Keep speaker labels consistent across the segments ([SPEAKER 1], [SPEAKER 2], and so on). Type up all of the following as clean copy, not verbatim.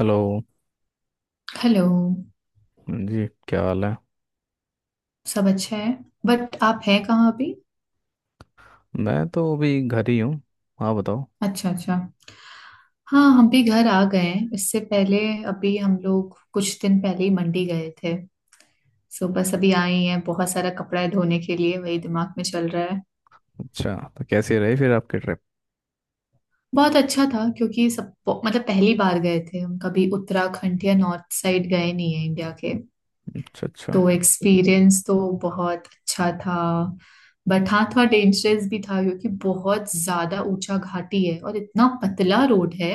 [SPEAKER 1] Hello
[SPEAKER 2] hello.
[SPEAKER 1] जी। क्या हाल है?
[SPEAKER 2] सब अच्छा है। बट आप है कहाँ अभी?
[SPEAKER 1] मैं तो अभी घर ही हूँ। हाँ बताओ।
[SPEAKER 2] अच्छा अच्छा। हाँ हम भी घर आ गए हैं इससे पहले। अभी हम लोग कुछ दिन पहले ही मंडी गए थे। सो बस अभी आए ही हैं, बहुत सारा कपड़ा है धोने के लिए, वही दिमाग में चल रहा है।
[SPEAKER 1] अच्छा, तो कैसी रही फिर आपकी ट्रिप?
[SPEAKER 2] बहुत अच्छा था क्योंकि सब मतलब पहली बार गए थे हम, कभी उत्तराखंड या नॉर्थ साइड गए नहीं है इंडिया के।
[SPEAKER 1] अच्छा अच्छा।
[SPEAKER 2] तो एक्सपीरियंस तो बहुत अच्छा था। बट हाँ, थोड़ा डेंजरस भी था क्योंकि बहुत ज्यादा ऊंचा घाटी है और इतना पतला रोड है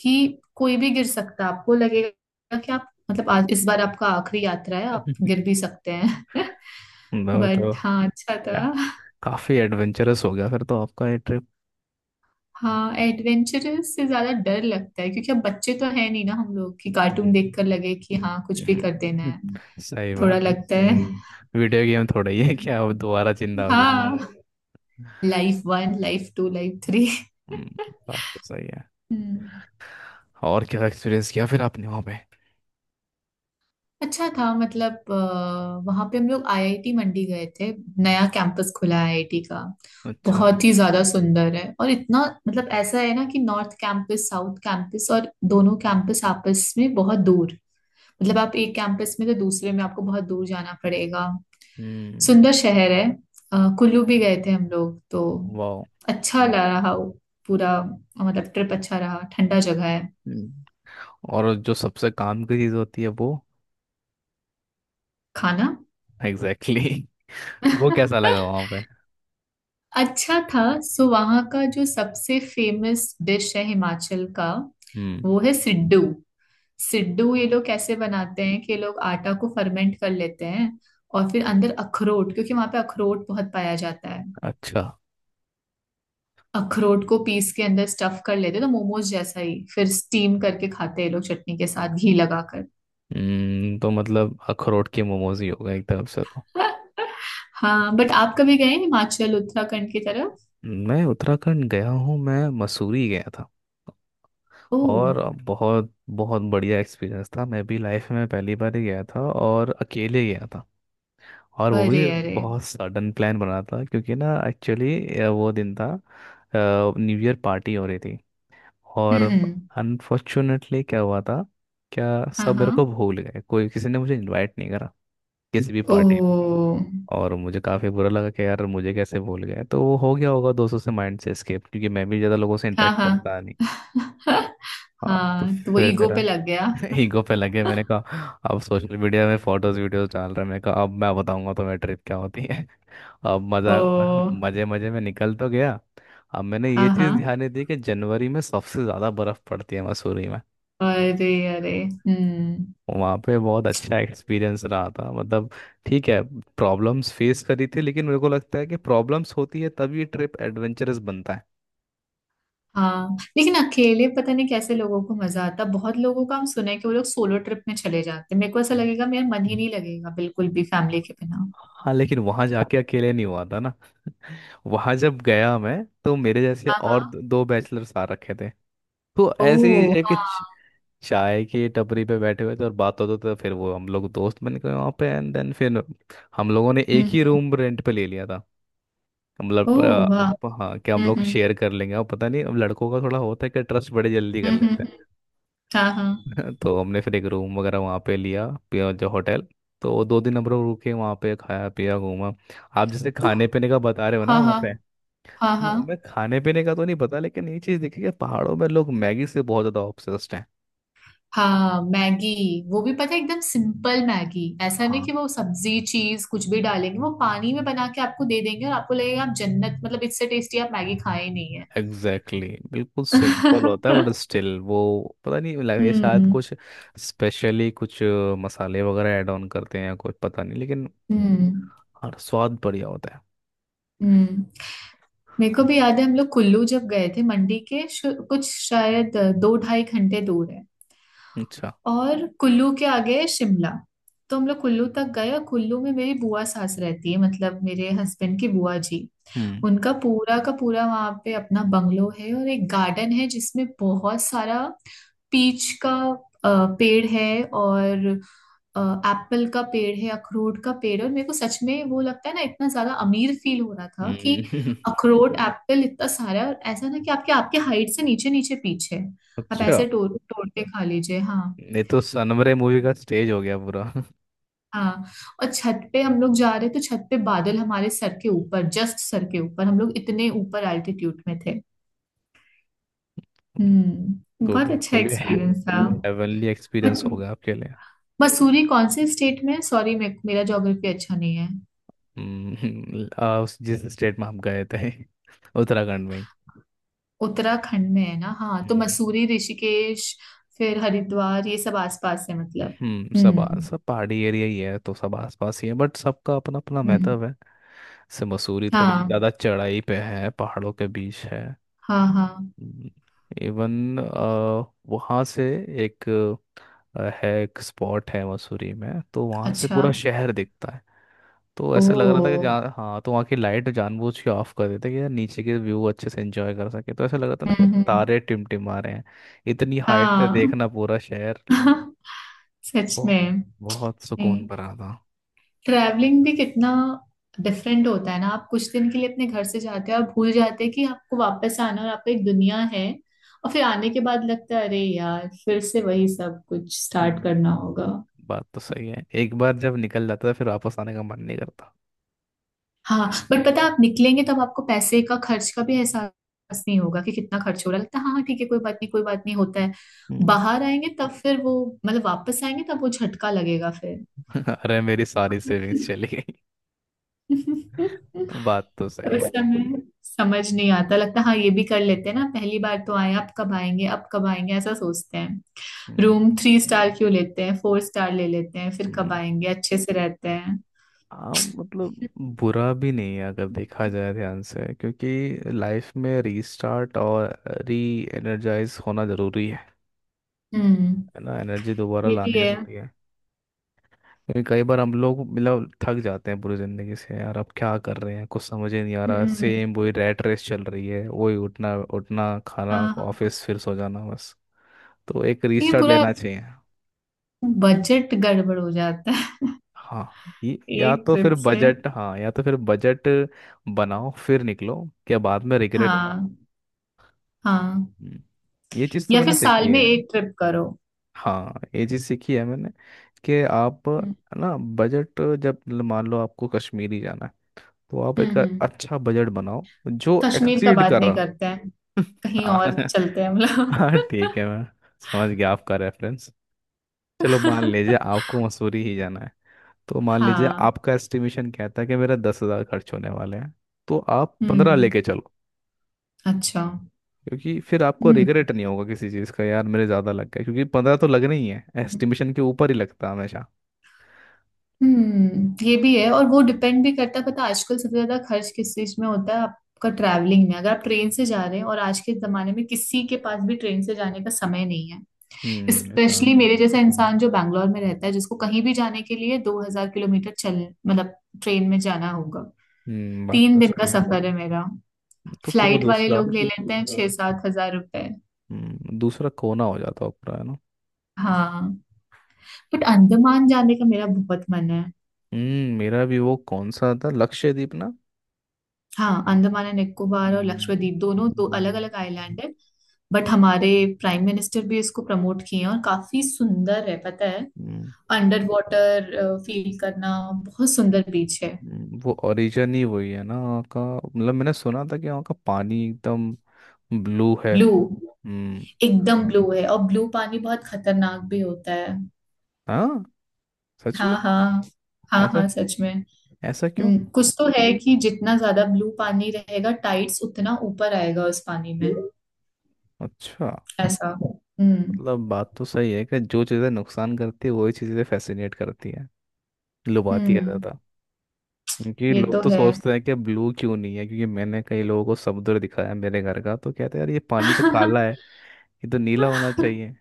[SPEAKER 2] कि कोई भी गिर सकता है। आपको लगेगा कि आप मतलब आज इस बार आपका आखिरी यात्रा है, आप गिर भी सकते हैं।
[SPEAKER 1] बताओ तो।
[SPEAKER 2] बट हाँ, अच्छा था।
[SPEAKER 1] काफ़ी एडवेंचरस हो गया फिर तो आपका ये ट्रिप।
[SPEAKER 2] हाँ, एडवेंचरस से ज्यादा डर लगता है क्योंकि अब बच्चे तो है नहीं ना हम लोग, कि कार्टून
[SPEAKER 1] हम्म,
[SPEAKER 2] देखकर लगे कि हाँ कुछ भी कर देना
[SPEAKER 1] हम्म,
[SPEAKER 2] है।
[SPEAKER 1] सही
[SPEAKER 2] थोड़ा
[SPEAKER 1] बात है।
[SPEAKER 2] लगता है।
[SPEAKER 1] वीडियो गेम थोड़ा ही है क्या, आप दोबारा जिंदा हो जाएंगे?
[SPEAKER 2] हाँ। Life one, life two, life three.
[SPEAKER 1] हम्म, बात तो सही है।
[SPEAKER 2] हम्म।
[SPEAKER 1] और क्या एक्सपीरियंस किया फिर आपने वहाँ पे?
[SPEAKER 2] अच्छा था मतलब वहां पे हम लोग आईआईटी मंडी गए थे। नया कैंपस खुला है आईआईटी का।
[SPEAKER 1] अच्छा।
[SPEAKER 2] बहुत ही ज्यादा सुंदर है, और इतना मतलब ऐसा है ना कि नॉर्थ कैंपस, साउथ कैंपस, और दोनों कैंपस आपस में बहुत दूर। मतलब आप एक कैंपस में तो दूसरे में आपको बहुत दूर जाना पड़ेगा।
[SPEAKER 1] हम्म।
[SPEAKER 2] सुंदर शहर है। कुल्लू भी गए थे हम लोग तो।
[SPEAKER 1] वाह।
[SPEAKER 2] अच्छा लगा रहा वो, पूरा मतलब ट्रिप अच्छा रहा, ठंडा जगह है।
[SPEAKER 1] हम्म, और जो सबसे काम की चीज़ होती है वो।
[SPEAKER 2] खाना।
[SPEAKER 1] Exactly exactly. वो कैसा लगा वहाँ पे?
[SPEAKER 2] अच्छा था। सो वहां का जो सबसे फेमस डिश है हिमाचल का,
[SPEAKER 1] हम्म।
[SPEAKER 2] वो है सिड्डू। सिड्डू ये लोग कैसे बनाते हैं कि ये लोग आटा को फर्मेंट कर लेते हैं, और फिर अंदर अखरोट, क्योंकि वहां पे अखरोट बहुत पाया जाता है।
[SPEAKER 1] अच्छा।
[SPEAKER 2] अखरोट को पीस के अंदर स्टफ कर लेते हैं, तो मोमोज जैसा ही फिर स्टीम करके खाते हैं ये लोग चटनी के साथ घी लगाकर।
[SPEAKER 1] तो मतलब अखरोट के मोमोज ही होगा एक तरफ से तो।
[SPEAKER 2] हाँ, बट आप कभी गए हैं हिमाचल उत्तराखंड की तरफ?
[SPEAKER 1] मैं उत्तराखंड गया हूँ। मैं मसूरी गया था।
[SPEAKER 2] ओ।
[SPEAKER 1] और बहुत बहुत बढ़िया एक्सपीरियंस था। मैं भी लाइफ में पहली बार ही गया था और अकेले गया था। और वो
[SPEAKER 2] अरे
[SPEAKER 1] भी
[SPEAKER 2] अरे।
[SPEAKER 1] बहुत सडन प्लान बना था, क्योंकि ना एक्चुअली वो दिन था न्यू ईयर पार्टी हो रही थी। और
[SPEAKER 2] हम्म। हम्म।
[SPEAKER 1] अनफॉर्चुनेटली क्या हुआ था, क्या,
[SPEAKER 2] हाँ
[SPEAKER 1] सब
[SPEAKER 2] हाँ।
[SPEAKER 1] मेरे को भूल गए। कोई, किसी ने मुझे इनवाइट नहीं करा किसी भी
[SPEAKER 2] ओ।
[SPEAKER 1] पार्टी। और मुझे काफ़ी बुरा लगा कि यार मुझे कैसे भूल गए। तो वो हो गया होगा दोस्तों से माइंड से एस्केप, क्योंकि मैं भी ज़्यादा लोगों से
[SPEAKER 2] हाँ
[SPEAKER 1] इंटरेक्ट करता नहीं।
[SPEAKER 2] हाँ।
[SPEAKER 1] हाँ, तो
[SPEAKER 2] हाँ तो वो
[SPEAKER 1] फिर
[SPEAKER 2] ईगो
[SPEAKER 1] मेरा।
[SPEAKER 2] पे लग गया।
[SPEAKER 1] ईगो पे लगे, मैंने कहा अब सोशल मीडिया में फोटोज वीडियोस डाल रहे हैं। मैंने कहा अब मैं बताऊंगा तो मेरी ट्रिप क्या होती है। अब मजा,
[SPEAKER 2] ओ।
[SPEAKER 1] मजे मजे में निकल तो गया। अब मैंने ये
[SPEAKER 2] हाँ
[SPEAKER 1] चीज़
[SPEAKER 2] हाँ।
[SPEAKER 1] ध्यान नहीं दी कि जनवरी में सबसे ज़्यादा बर्फ़ पड़ती है मसूरी में।
[SPEAKER 2] अरे अरे। हम्म।
[SPEAKER 1] वहाँ पे बहुत अच्छा एक्सपीरियंस रहा था मतलब। ठीक है, प्रॉब्लम्स फेस करी थी, लेकिन मेरे को लगता है कि प्रॉब्लम्स होती है तभी ट्रिप एडवेंचरस बनता है।
[SPEAKER 2] हाँ लेकिन अकेले पता नहीं कैसे लोगों को मजा आता, बहुत लोगों का हम सुने हैं कि वो लोग सोलो ट्रिप में चले जाते हैं। मेरे को ऐसा
[SPEAKER 1] हम्म।
[SPEAKER 2] लगेगा मेरा मन ही नहीं लगेगा बिल्कुल भी फैमिली के बिना।
[SPEAKER 1] हाँ, लेकिन वहाँ जाके अकेले नहीं हुआ था ना। वहाँ जब गया मैं, तो मेरे जैसे
[SPEAKER 2] हाँ
[SPEAKER 1] और
[SPEAKER 2] हाँ।
[SPEAKER 1] दो बैचलर्स आ रखे थे। तो
[SPEAKER 2] ओ।
[SPEAKER 1] ऐसे ही है कि
[SPEAKER 2] हाँ।
[SPEAKER 1] चाय की टपरी पे बैठे हुए थे और बात होते थे, फिर वो हम लोग दोस्त बन गए वहाँ पे, एंड देन फिर हम लोगों ने एक ही
[SPEAKER 2] हम्म।
[SPEAKER 1] रूम रेंट पे ले लिया था।
[SPEAKER 2] ओ
[SPEAKER 1] मतलब
[SPEAKER 2] वाह।
[SPEAKER 1] हाँ कि हम लोग
[SPEAKER 2] हम्म।
[SPEAKER 1] शेयर कर लेंगे। और पता नहीं, अब लड़कों का थोड़ा होता है कि ट्रस्ट बड़े जल्दी कर लेते
[SPEAKER 2] हम्म। हाँ हाँ।
[SPEAKER 1] हैं। तो हमने फिर एक रूम वगैरह वहाँ पे लिया जो होटल। तो वो दो दिन हम लोग रुके वहाँ पे, खाया पिया घूमा। आप जैसे
[SPEAKER 2] तो।
[SPEAKER 1] खाने पीने का बता रहे हो ना
[SPEAKER 2] हाँ
[SPEAKER 1] वहाँ
[SPEAKER 2] हाँ।
[SPEAKER 1] पे।
[SPEAKER 2] हाँ हाँ।
[SPEAKER 1] हाँ, मैं खाने पीने का तो नहीं पता, लेकिन ये चीज़ देखी कि पहाड़ों में लोग मैगी से बहुत ज़्यादा ऑब्सेस्ड हैं।
[SPEAKER 2] हाँ। मैगी। वो भी पता है, एकदम सिंपल मैगी, ऐसा नहीं
[SPEAKER 1] हाँ
[SPEAKER 2] कि वो सब्जी चीज कुछ भी डालेंगे। वो पानी में बना के आपको दे देंगे, और आपको लगेगा आप जन्नत, मतलब इससे टेस्टी आप मैगी खाए ही नहीं है।
[SPEAKER 1] Exactly exactly. बिल्कुल सिंपल होता है बट स्टिल वो पता नहीं लगे शायद
[SPEAKER 2] हम्म।
[SPEAKER 1] कुछ, स्पेशली कुछ मसाले वगैरह ऐड ऑन करते हैं या कुछ पता नहीं, लेकिन
[SPEAKER 2] हम्म
[SPEAKER 1] और स्वाद बढ़िया होता है।
[SPEAKER 2] हम्म। मेरे को भी याद है, हम लोग कुल्लू जब गए थे, मंडी के कुछ शायद 2-2.5 घंटे दूर है।
[SPEAKER 1] अच्छा।
[SPEAKER 2] और कुल्लू के आगे है शिमला। तो हम लोग कुल्लू तक गए, और कुल्लू में मेरी बुआ सास रहती है, मतलब मेरे हस्बैंड की बुआ जी।
[SPEAKER 1] हम्म।
[SPEAKER 2] उनका पूरा का पूरा वहां पे अपना बंगलो है, और एक गार्डन है जिसमें बहुत सारा पीच का अ, पेड़ है। और एप्पल का पेड़ है, अखरोट का पेड़ है, और मेरे को सच में वो लगता है ना, इतना ज्यादा अमीर फील हो रहा था कि
[SPEAKER 1] हम्म।
[SPEAKER 2] अखरोट, एप्पल इतना सारा है। और ऐसा ना कि आपके आपके हाइट से नीचे नीचे पीच है, आप
[SPEAKER 1] अच्छा।
[SPEAKER 2] ऐसे तोड़ तोड़ के खा लीजिए। हाँ।
[SPEAKER 1] ये तो सनमरे मूवी का स्टेज हो गया पूरा।
[SPEAKER 2] हाँ और छत पे हम लोग जा रहे तो छत पे बादल हमारे सर के ऊपर, जस्ट सर के ऊपर, हम लोग इतने ऊपर एल्टीट्यूड में थे। हम्म,
[SPEAKER 1] तो
[SPEAKER 2] बहुत अच्छा
[SPEAKER 1] बिल्कुल ही
[SPEAKER 2] एक्सपीरियंस था।
[SPEAKER 1] हेवनली
[SPEAKER 2] बट
[SPEAKER 1] एक्सपीरियंस होगा आपके लिए।
[SPEAKER 2] मसूरी कौन से स्टेट में है? सॉरी मेरा ज्योग्राफी अच्छा नहीं है।
[SPEAKER 1] हम्म। उस जिस स्टेट में आप गए थे उत्तराखंड में ही।
[SPEAKER 2] उत्तराखंड में है ना। हाँ तो
[SPEAKER 1] हम्म
[SPEAKER 2] मसूरी, ऋषिकेश, फिर हरिद्वार ये सब आसपास है मतलब।
[SPEAKER 1] सब
[SPEAKER 2] हम्म।
[SPEAKER 1] सब पहाड़ी एरिया ही है, तो सब आसपास ही है, बट सबका अपना अपना
[SPEAKER 2] हम्म।
[SPEAKER 1] महत्व है। से मसूरी थोड़ी
[SPEAKER 2] हाँ
[SPEAKER 1] ज़्यादा चढ़ाई पे है, पहाड़ों के बीच है।
[SPEAKER 2] हाँ हाँ।
[SPEAKER 1] इवन वहाँ से एक है एक स्पॉट है मसूरी में, तो वहाँ से
[SPEAKER 2] अच्छा।
[SPEAKER 1] पूरा शहर दिखता है। तो ऐसा लग रहा था कि
[SPEAKER 2] ओ।
[SPEAKER 1] जहाँ, हाँ, तो वहाँ की लाइट जानबूझ के ऑफ कर देते कि यार नीचे के व्यू अच्छे से एंजॉय कर सके। तो ऐसा लग रहा था ना कि
[SPEAKER 2] हम्म।
[SPEAKER 1] तारे टिमटिमा रहे हैं, इतनी हाइट से
[SPEAKER 2] हाँ।
[SPEAKER 1] देखना पूरा शहर।
[SPEAKER 2] सच
[SPEAKER 1] बहुत
[SPEAKER 2] में।
[SPEAKER 1] बहुत सुकून
[SPEAKER 2] नहीं।
[SPEAKER 1] भरा था।
[SPEAKER 2] ट्रैवलिंग भी कितना डिफरेंट होता है ना। आप कुछ दिन के लिए अपने घर से जाते हो और भूल जाते हैं कि आपको वापस आना है, और आपको एक दुनिया है। और फिर आने के बाद लगता है अरे यार फिर से वही सब कुछ स्टार्ट
[SPEAKER 1] हम्म,
[SPEAKER 2] करना होगा।
[SPEAKER 1] बात तो सही है, एक बार जब निकल जाता था फिर वापस आने का मन नहीं करता।
[SPEAKER 2] हाँ बट पता है, आप निकलेंगे तब आपको पैसे का खर्च का भी एहसास नहीं होगा कि कितना खर्च हो रहा है। लगता है हाँ हाँ, ठीक है, कोई बात नहीं, कोई बात नहीं होता है।
[SPEAKER 1] हम्म।
[SPEAKER 2] बाहर आएंगे तब फिर वो मतलब वापस आएंगे तब वो झटका लगेगा।
[SPEAKER 1] अरे मेरी सारी
[SPEAKER 2] फिर।
[SPEAKER 1] सेविंग्स चली गई। बात तो सही
[SPEAKER 2] तो उस
[SPEAKER 1] है।
[SPEAKER 2] समय समझ नहीं आता, लगता हाँ ये भी कर लेते हैं ना, पहली बार तो आए, अब कब आएंगे, अब कब आएंगे ऐसा सोचते हैं।
[SPEAKER 1] हम्म,
[SPEAKER 2] रूम 3 स्टार क्यों लेते हैं, 4 स्टार ले लेते हैं फिर, कब
[SPEAKER 1] हम्म।
[SPEAKER 2] आएंगे, अच्छे से रहते हैं।
[SPEAKER 1] हाँ मतलब बुरा भी नहीं है अगर देखा जाए ध्यान से, क्योंकि लाइफ में रीस्टार्ट और री एनर्जाइज होना ज़रूरी है।
[SPEAKER 2] हम्म।
[SPEAKER 1] है ना, एनर्जी दोबारा
[SPEAKER 2] ये भी
[SPEAKER 1] लानी
[SPEAKER 2] है।
[SPEAKER 1] ज़रूरी है। क्योंकि कई बार हम लोग मतलब थक जाते हैं पूरी ज़िंदगी से, यार अब क्या कर रहे हैं, कुछ समझ ही नहीं आ रहा,
[SPEAKER 2] हम्म।
[SPEAKER 1] सेम वही रैट रेस चल रही है, वही उठना उठना खाना
[SPEAKER 2] हाँ हाँ।
[SPEAKER 1] ऑफिस फिर सो जाना बस। तो एक
[SPEAKER 2] लेकिन
[SPEAKER 1] रीस्टार्ट
[SPEAKER 2] पूरा
[SPEAKER 1] लेना चाहिए।
[SPEAKER 2] बजट गड़बड़ हो जाता है।
[SPEAKER 1] हाँ, या
[SPEAKER 2] एक
[SPEAKER 1] तो फिर
[SPEAKER 2] ट्रिप से।
[SPEAKER 1] बजट, हाँ या तो फिर बजट बनाओ फिर निकलो, क्या बाद में रिग्रेट ना हो।
[SPEAKER 2] हाँ हाँ।
[SPEAKER 1] हम्म, ये चीज़ तो
[SPEAKER 2] या
[SPEAKER 1] मैंने
[SPEAKER 2] फिर साल
[SPEAKER 1] सीखी
[SPEAKER 2] में
[SPEAKER 1] है।
[SPEAKER 2] एक ट्रिप करो।
[SPEAKER 1] हाँ, ये चीज़ सीखी है मैंने, कि आप
[SPEAKER 2] हम्म।
[SPEAKER 1] है ना बजट, जब मान लो आपको कश्मीर ही जाना है, तो आप
[SPEAKER 2] हम्म।
[SPEAKER 1] एक
[SPEAKER 2] हम्म।
[SPEAKER 1] अच्छा बजट बनाओ जो
[SPEAKER 2] कश्मीर का
[SPEAKER 1] एक्सीड
[SPEAKER 2] बात
[SPEAKER 1] कर
[SPEAKER 2] नहीं
[SPEAKER 1] रहा।
[SPEAKER 2] करते हैं, कहीं
[SPEAKER 1] हाँ
[SPEAKER 2] और चलते हैं
[SPEAKER 1] हाँ
[SPEAKER 2] मतलब।
[SPEAKER 1] ठीक है, मैं समझ गया आपका रेफरेंस। चलो मान लीजिए आपको मसूरी ही जाना है, तो मान लीजिए
[SPEAKER 2] हाँ।
[SPEAKER 1] आपका एस्टिमेशन कहता है कि मेरा 10 हज़ार खर्च होने वाले हैं, तो आप 15
[SPEAKER 2] हम्म।
[SPEAKER 1] लेके चलो।
[SPEAKER 2] अच्छा।
[SPEAKER 1] क्योंकि फिर आपको
[SPEAKER 2] हम्म
[SPEAKER 1] रिग्रेट नहीं होगा किसी चीज़ का, यार मेरे ज़्यादा लग गए, क्योंकि 15 तो लगने ही है, एस्टिमेशन के ऊपर ही लगता है हमेशा।
[SPEAKER 2] हम्म। ये भी है, और वो डिपेंड भी करता है। पता है आजकल सबसे ज्यादा खर्च किस चीज में होता है आपका? ट्रैवलिंग में, अगर आप ट्रेन से जा रहे हैं, और आज के जमाने में किसी के पास भी ट्रेन से जाने का समय नहीं है।
[SPEAKER 1] हम्म, ये तो है।
[SPEAKER 2] स्पेशली मेरे जैसा इंसान जो बैंगलोर में रहता है, जिसको कहीं भी जाने के लिए 2000 किलोमीटर चल मतलब ट्रेन में जाना होगा।
[SPEAKER 1] हम्म, बात
[SPEAKER 2] तीन
[SPEAKER 1] तो
[SPEAKER 2] दिन का
[SPEAKER 1] सही है।
[SPEAKER 2] सफर है मेरा।
[SPEAKER 1] तो पूरा
[SPEAKER 2] फ्लाइट वाले
[SPEAKER 1] दूसरा,
[SPEAKER 2] लोग ले लेते हैं 6-7 हज़ार रुपए।
[SPEAKER 1] हम्म, दूसरा कोना हो जाता है पूरा, है ना।
[SPEAKER 2] हाँ बट अंडमान जाने का मेरा बहुत मन है।
[SPEAKER 1] हम्म, मेरा भी वो कौन सा था, लक्षद्वीप ना।
[SPEAKER 2] हाँ अंडमान एंड निकोबार और
[SPEAKER 1] हम्म
[SPEAKER 2] लक्षद्वीप दोनों दो अलग अलग
[SPEAKER 1] हम्म
[SPEAKER 2] आइलैंड है। बट हमारे प्राइम मिनिस्टर भी इसको प्रमोट किए हैं, और काफी सुंदर है पता है।
[SPEAKER 1] हम्म,
[SPEAKER 2] अंडर वाटर फील करना, बहुत सुंदर बीच है।
[SPEAKER 1] वो ओरिजिन ही वही है ना वहाँ का, मतलब मैंने सुना था कि वहाँ का पानी एकदम ब्लू है।
[SPEAKER 2] ब्लू।
[SPEAKER 1] हम्म।
[SPEAKER 2] एकदम ब्लू है, और ब्लू पानी बहुत खतरनाक भी होता है।
[SPEAKER 1] हाँ सच में।
[SPEAKER 2] हाँ हाँ। हाँ
[SPEAKER 1] ऐसा,
[SPEAKER 2] हाँ सच में।
[SPEAKER 1] ऐसा क्यों?
[SPEAKER 2] कुछ तो है कि जितना ज्यादा ब्लू पानी रहेगा, टाइड्स उतना ऊपर आएगा उस पानी में।
[SPEAKER 1] अच्छा,
[SPEAKER 2] ऐसा। हम्म।
[SPEAKER 1] मतलब बात तो सही है कि जो चीज़ें नुकसान करती है वही चीज़ें फैसिनेट करती है, लुभाती है
[SPEAKER 2] हम्म।
[SPEAKER 1] ज़्यादा। क्योंकि
[SPEAKER 2] ये
[SPEAKER 1] लोग
[SPEAKER 2] तो
[SPEAKER 1] तो
[SPEAKER 2] है।
[SPEAKER 1] सोचते हैं कि ब्लू क्यों नहीं है, क्योंकि मैंने कई लोगों को समुद्र दिखाया है मेरे घर का, तो कहते हैं यार ये पानी तो काला है, ये तो नीला होना चाहिए।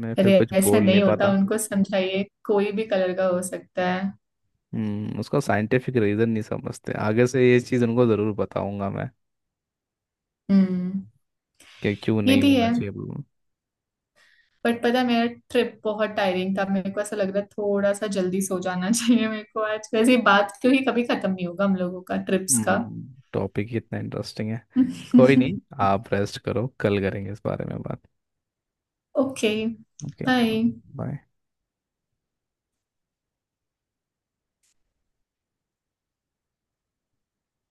[SPEAKER 1] मैं फिर
[SPEAKER 2] अरे
[SPEAKER 1] कुछ
[SPEAKER 2] ऐसा
[SPEAKER 1] बोल नहीं
[SPEAKER 2] नहीं होता,
[SPEAKER 1] पाता।
[SPEAKER 2] उनको समझाइए कोई भी कलर का हो सकता है।
[SPEAKER 1] हम्म, उसका साइंटिफिक रीज़न नहीं समझते, आगे से ये चीज़ उनको ज़रूर बताऊंगा मैं,
[SPEAKER 2] हम्म।
[SPEAKER 1] कि क्यों
[SPEAKER 2] ये
[SPEAKER 1] नहीं
[SPEAKER 2] भी
[SPEAKER 1] होना
[SPEAKER 2] है।
[SPEAKER 1] चाहिए ब्लू।
[SPEAKER 2] बट पता है, मेरा ट्रिप बहुत टायरिंग था, मेरे को ऐसा लग रहा है थोड़ा सा जल्दी सो जाना चाहिए मेरे को आज। वैसे ये बात क्योंकि कभी खत्म नहीं होगा हम लोगों का ट्रिप्स का।
[SPEAKER 1] हम्म, टॉपिक ही इतना इंटरेस्टिंग है। कोई नहीं, आप रेस्ट करो, कल करेंगे इस बारे में बात।
[SPEAKER 2] ओके।
[SPEAKER 1] ओके।
[SPEAKER 2] बाय।
[SPEAKER 1] बाय।